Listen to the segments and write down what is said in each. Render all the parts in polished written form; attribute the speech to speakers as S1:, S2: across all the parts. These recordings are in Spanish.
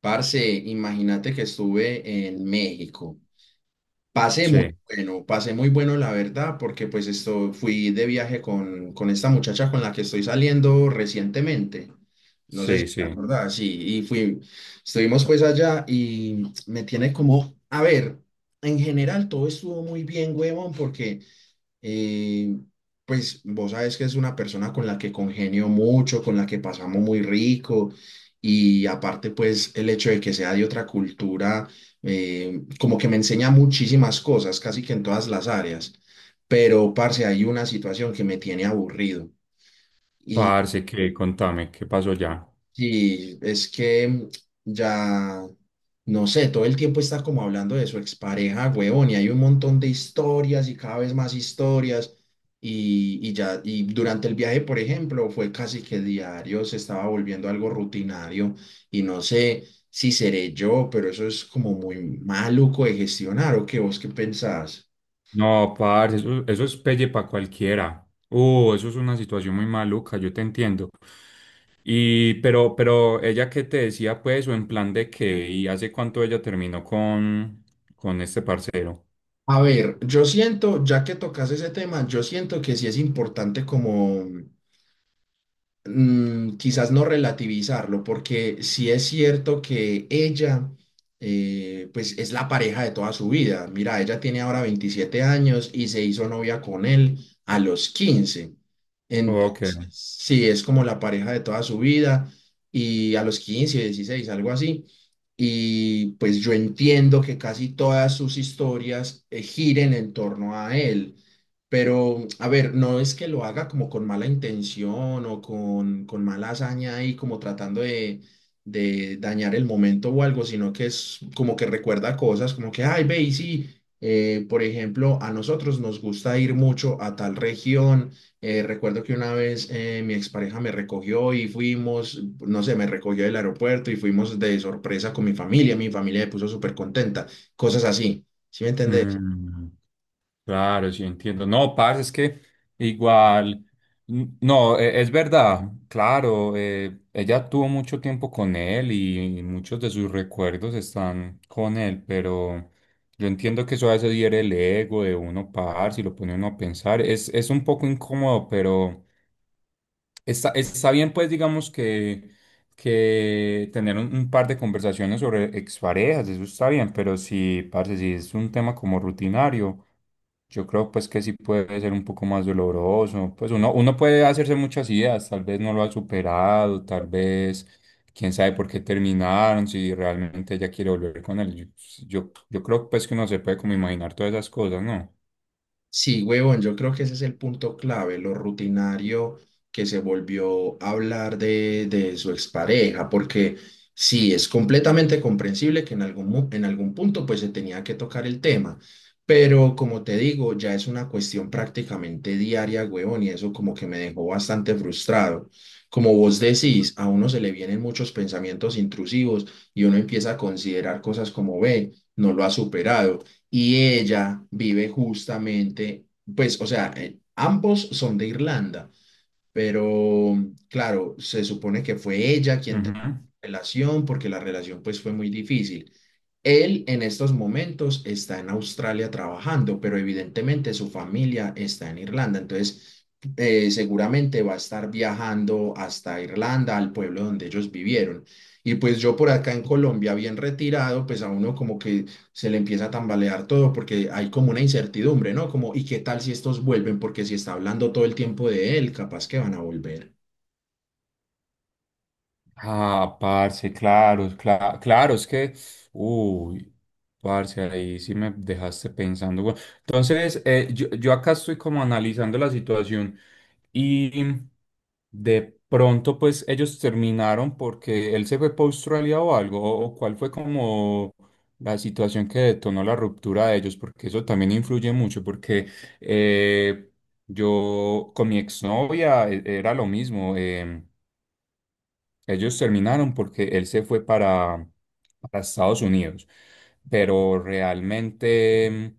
S1: Parce, imagínate que estuve en México. Pasé muy
S2: Sí,
S1: bueno, pasé muy bueno la verdad, porque pues esto fui de viaje con esta muchacha con la que estoy saliendo recientemente. No sé si
S2: sí,
S1: te
S2: sí.
S1: acuerdas, sí, estuvimos pues allá y me tiene como, a ver, en general todo estuvo muy bien, huevón, porque eh, pues vos sabes que es una persona con la que congenio mucho, con la que pasamos muy rico, y aparte pues el hecho de que sea de otra cultura, como que me enseña muchísimas cosas, casi que en todas las áreas. Pero parce, hay una situación que me tiene aburrido.
S2: Parce, que contame, ¿qué pasó ya?
S1: Sí, es que ya, no sé, todo el tiempo está como hablando de su expareja, huevón, y hay un montón de historias y cada vez más historias. Y ya, y durante el viaje, por ejemplo, fue casi que diario, se estaba volviendo algo rutinario. Y no sé si seré yo, pero eso es como muy maluco de gestionar, ¿o qué vos qué pensás?
S2: No, parce, eso es pelle para cualquiera. Eso es una situación muy maluca, yo te entiendo. Pero ella qué te decía, pues, o en plan de qué, y hace cuánto ella terminó con este parcero.
S1: A ver, yo siento, ya que tocas ese tema, yo siento que sí es importante como quizás no relativizarlo, porque sí es cierto que ella, pues es la pareja de toda su vida. Mira, ella tiene ahora 27 años y se hizo novia con él a los 15.
S2: Ok.
S1: Entonces, sí, es como la pareja de toda su vida, y a los 15 16 algo así. Y pues yo entiendo que casi todas sus historias giren en torno a él, pero, a ver, no es que lo haga como con mala intención o con mala hazaña y como tratando de, dañar el momento o algo, sino que es como que recuerda cosas, como que, ay, ve, y sí, por ejemplo, a nosotros nos gusta ir mucho a tal región. Recuerdo que una vez mi expareja me recogió y fuimos, no sé, me recogió del aeropuerto y fuimos de sorpresa con mi familia. Mi familia me puso súper contenta, cosas así, ¿sí me entendés?
S2: Mm. Claro, sí, entiendo. No, parce, es que igual, no, es verdad, claro, ella tuvo mucho tiempo con él y muchos de sus recuerdos están con él, pero yo entiendo que eso a veces hiere el ego de uno, parce, y lo pone uno a pensar. Es un poco incómodo, pero. Está bien, pues, digamos que tener un par de conversaciones sobre exparejas, eso está bien, pero si, parce, si es un tema como rutinario, yo creo, pues, que sí puede ser un poco más doloroso. Pues uno puede hacerse muchas ideas, tal vez no lo ha superado, tal vez, quién sabe por qué terminaron, si realmente ella quiere volver con él. Yo creo, pues, que uno se puede como imaginar todas esas cosas, ¿no?
S1: Sí, huevón, yo creo que ese es el punto clave, lo rutinario que se volvió a hablar de, su expareja, porque sí, es completamente comprensible que en algún punto pues se tenía que tocar el tema, pero como te digo, ya es una cuestión prácticamente diaria, huevón, y eso como que me dejó bastante frustrado. Como vos decís, a uno se le vienen muchos pensamientos intrusivos y uno empieza a considerar cosas como, ve, no lo ha superado, y ella vive justamente, pues, o sea, ambos son de Irlanda, pero claro, se supone que fue ella quien terminó
S2: Ujú.
S1: la relación porque la relación pues fue muy difícil. Él en estos momentos está en Australia trabajando, pero evidentemente su familia está en Irlanda. Entonces, seguramente va a estar viajando hasta Irlanda, al pueblo donde ellos vivieron. Y pues yo por acá en Colombia, bien retirado, pues a uno como que se le empieza a tambalear todo porque hay como una incertidumbre, ¿no? Como, ¿y qué tal si estos vuelven? Porque si está hablando todo el tiempo de él, capaz que van a volver.
S2: Ah, parce, claro, claro, es que, uy, parce, ahí sí me dejaste pensando, güey. Entonces, yo acá estoy como analizando la situación y de pronto, pues, ellos terminaron porque él se fue para Australia o algo, o cuál fue como la situación que detonó la ruptura de ellos, porque eso también influye mucho, porque eh, yo con mi exnovia era lo mismo. Ellos terminaron porque él se fue para Estados Unidos, pero realmente,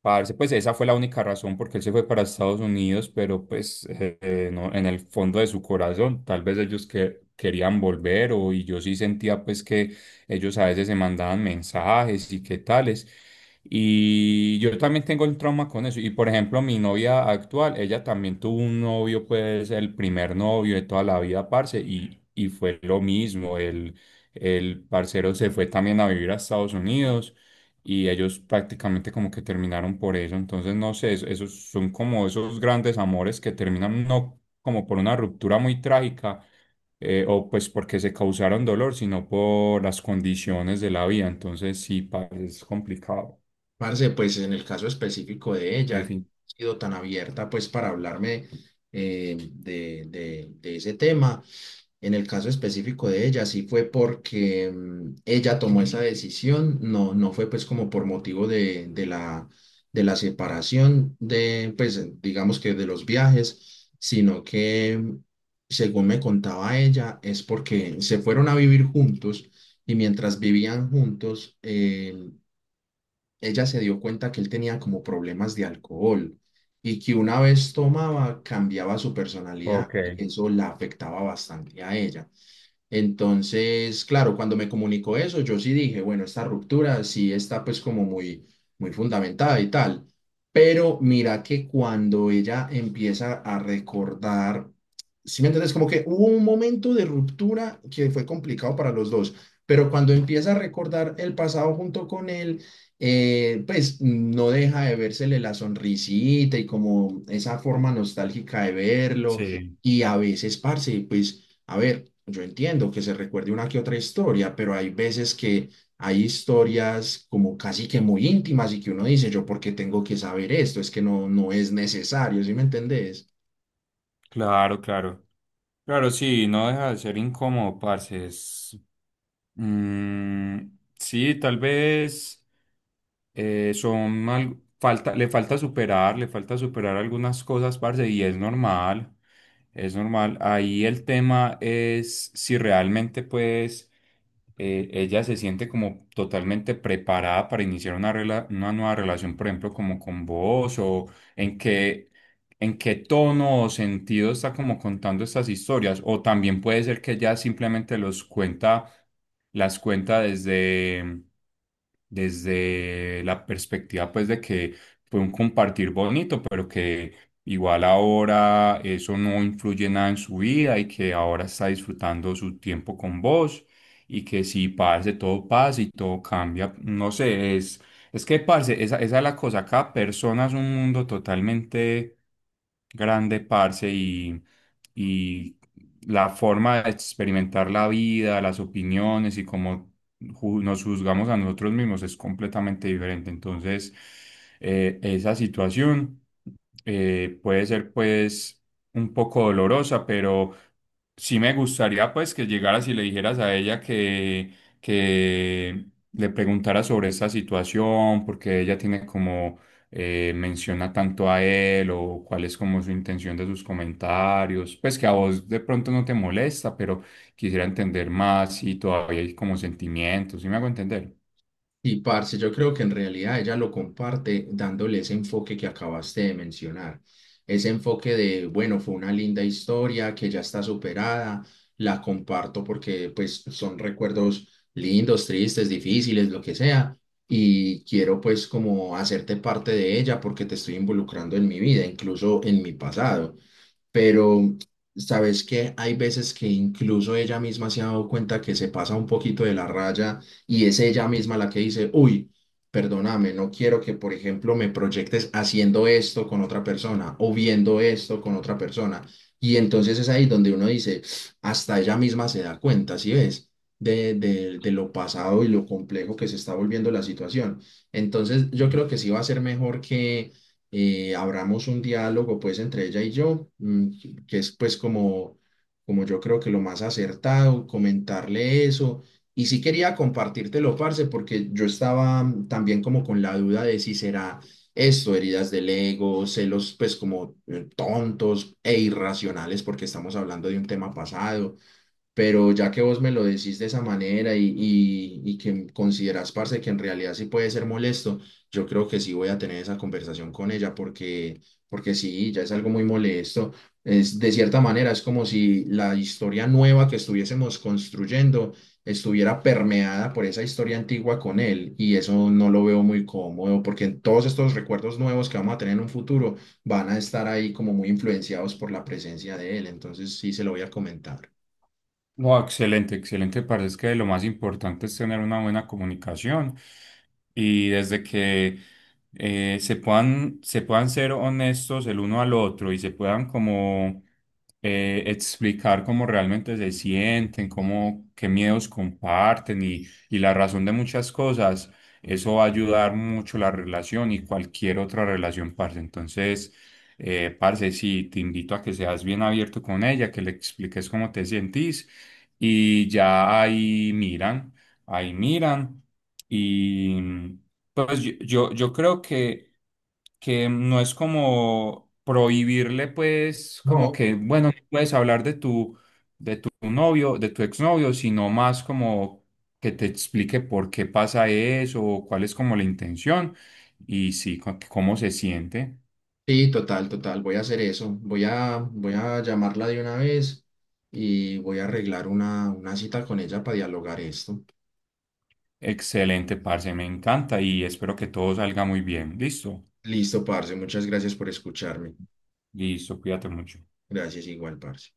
S2: parce, pues esa fue la única razón porque él se fue para Estados Unidos, pero pues no, en el fondo de su corazón, tal vez querían volver, o y yo sí sentía pues que ellos a veces se mandaban mensajes y qué tales. Y yo también tengo el trauma con eso. Y por ejemplo, mi novia actual, ella también tuvo un novio, pues el primer novio de toda la vida, parce, y fue lo mismo. El parcero se fue también a vivir a Estados Unidos y ellos prácticamente como que terminaron por eso. Entonces, no sé, esos son como esos grandes amores que terminan no como por una ruptura muy trágica, o pues porque se causaron dolor, sino por las condiciones de la vida. Entonces, sí, parce, es complicado.
S1: Parce, pues en el caso específico de ella,
S2: Defin-
S1: ha sido tan abierta pues para hablarme de, de ese tema. En el caso específico de ella, sí fue porque ella tomó esa decisión, no, no fue pues como por motivo de la separación de, pues digamos que de los viajes, sino que según me contaba ella, es porque se fueron a vivir juntos, y mientras vivían juntos, ella se dio cuenta que él tenía como problemas de alcohol, y que una vez tomaba cambiaba su personalidad
S2: Ok,
S1: y eso la afectaba bastante a ella. Entonces, claro, cuando me comunicó eso, yo sí dije, bueno, esta ruptura sí está pues como muy, muy fundamentada y tal. Pero mira que cuando ella empieza a recordar, sí me entiendes, como que hubo un momento de ruptura que fue complicado para los dos, pero cuando empieza a recordar el pasado junto con él, pues no deja de vérsele la sonrisita y como esa forma nostálgica de verlo. Sí.
S2: sí,
S1: Y a veces, parce, pues, a ver, yo entiendo que se recuerde una que otra historia, pero hay veces que hay historias como casi que muy íntimas y que uno dice, yo por qué tengo que saber esto, es que no, no es necesario, ¿sí me entendés?
S2: claro, claro. Claro, sí, no deja de ser incómodo, parce. Es, mm, sí, tal vez son mal, falta, le falta superar algunas cosas, parce, y es normal, es normal. Ahí el tema es si realmente, pues, ella se siente como totalmente preparada para iniciar una, una nueva relación, por ejemplo, como con vos, o en qué, en qué tono o sentido está como contando estas historias, o también puede ser que ella simplemente los cuenta, las cuenta desde, desde la perspectiva pues de que fue un compartir bonito, pero que igual ahora eso no influye nada en su vida y que ahora está disfrutando su tiempo con vos, y que si parce, todo pasa y todo cambia, no sé, es que parce, esa es la cosa, cada persona es un mundo totalmente grande, parce, y la forma de experimentar la vida, las opiniones y cómo nos juzgamos a nosotros mismos es completamente diferente. Entonces, esa situación puede ser pues un poco dolorosa, pero sí me gustaría pues que llegaras y le dijeras a ella que le preguntara sobre esta situación, porque ella tiene como, menciona tanto a él, o cuál es como su intención de sus comentarios, pues que a vos de pronto no te molesta, pero quisiera entender más si todavía hay como sentimientos, ¿sí me hago entender?
S1: Y parce, yo creo que en realidad ella lo comparte dándole ese enfoque que acabaste de mencionar, ese enfoque de, bueno, fue una linda historia que ya está superada, la comparto porque pues son recuerdos lindos, tristes, difíciles, lo que sea, y quiero pues como hacerte parte de ella porque te estoy involucrando en mi vida, incluso en mi pasado. Pero sabes que hay veces que incluso ella misma se ha dado cuenta que se pasa un poquito de la raya, y es ella misma la que dice, uy, perdóname, no quiero que, por ejemplo, me proyectes haciendo esto con otra persona o viendo esto con otra persona. Y entonces es ahí donde uno dice, hasta ella misma se da cuenta, ¿sí ves? De lo pasado y lo complejo que se está volviendo la situación. Entonces, yo creo que sí va a ser mejor que abramos un diálogo pues entre ella y yo, que es pues como yo creo que lo más acertado, comentarle eso. Y sí quería compartírtelo, parce, porque yo estaba también como con la duda de si será esto, heridas del ego, celos pues como tontos e irracionales, porque estamos hablando de un tema pasado, pero ya que vos me lo decís de esa manera, y que considerás, parce, que en realidad sí puede ser molesto, yo creo que sí voy a tener esa conversación con ella, porque sí, ya es algo muy molesto. Es, de cierta manera, es como si la historia nueva que estuviésemos construyendo estuviera permeada por esa historia antigua con él, y eso no lo veo muy cómodo porque todos estos recuerdos nuevos que vamos a tener en un futuro van a estar ahí como muy influenciados por la presencia de él, entonces sí se lo voy a comentar.
S2: No, excelente, excelente. Parece que lo más importante es tener una buena comunicación, y desde que se puedan ser honestos el uno al otro y se puedan como explicar cómo realmente se sienten, cómo, qué miedos comparten y la razón de muchas cosas, eso va a ayudar mucho la relación y cualquier otra relación, parce. Entonces, parce, sí, te invito a que seas bien abierto con ella, que le expliques cómo te sentís y ya ahí miran, ahí miran. Y mm, pues yo creo que no es como prohibirle, pues, como
S1: No.
S2: que, bueno, no puedes hablar de tu novio, de tu exnovio, sino más como que te explique por qué pasa eso, o cuál es como la intención, y sí, cómo se siente.
S1: Sí, total, total. Voy a hacer eso. Voy a llamarla de una vez, y voy a arreglar una cita con ella para dialogar esto.
S2: Excelente, parce, me encanta y espero que todo salga muy bien. Listo,
S1: Listo, parce. Muchas gracias por escucharme.
S2: listo, cuídate mucho.
S1: Gracias igual, parce.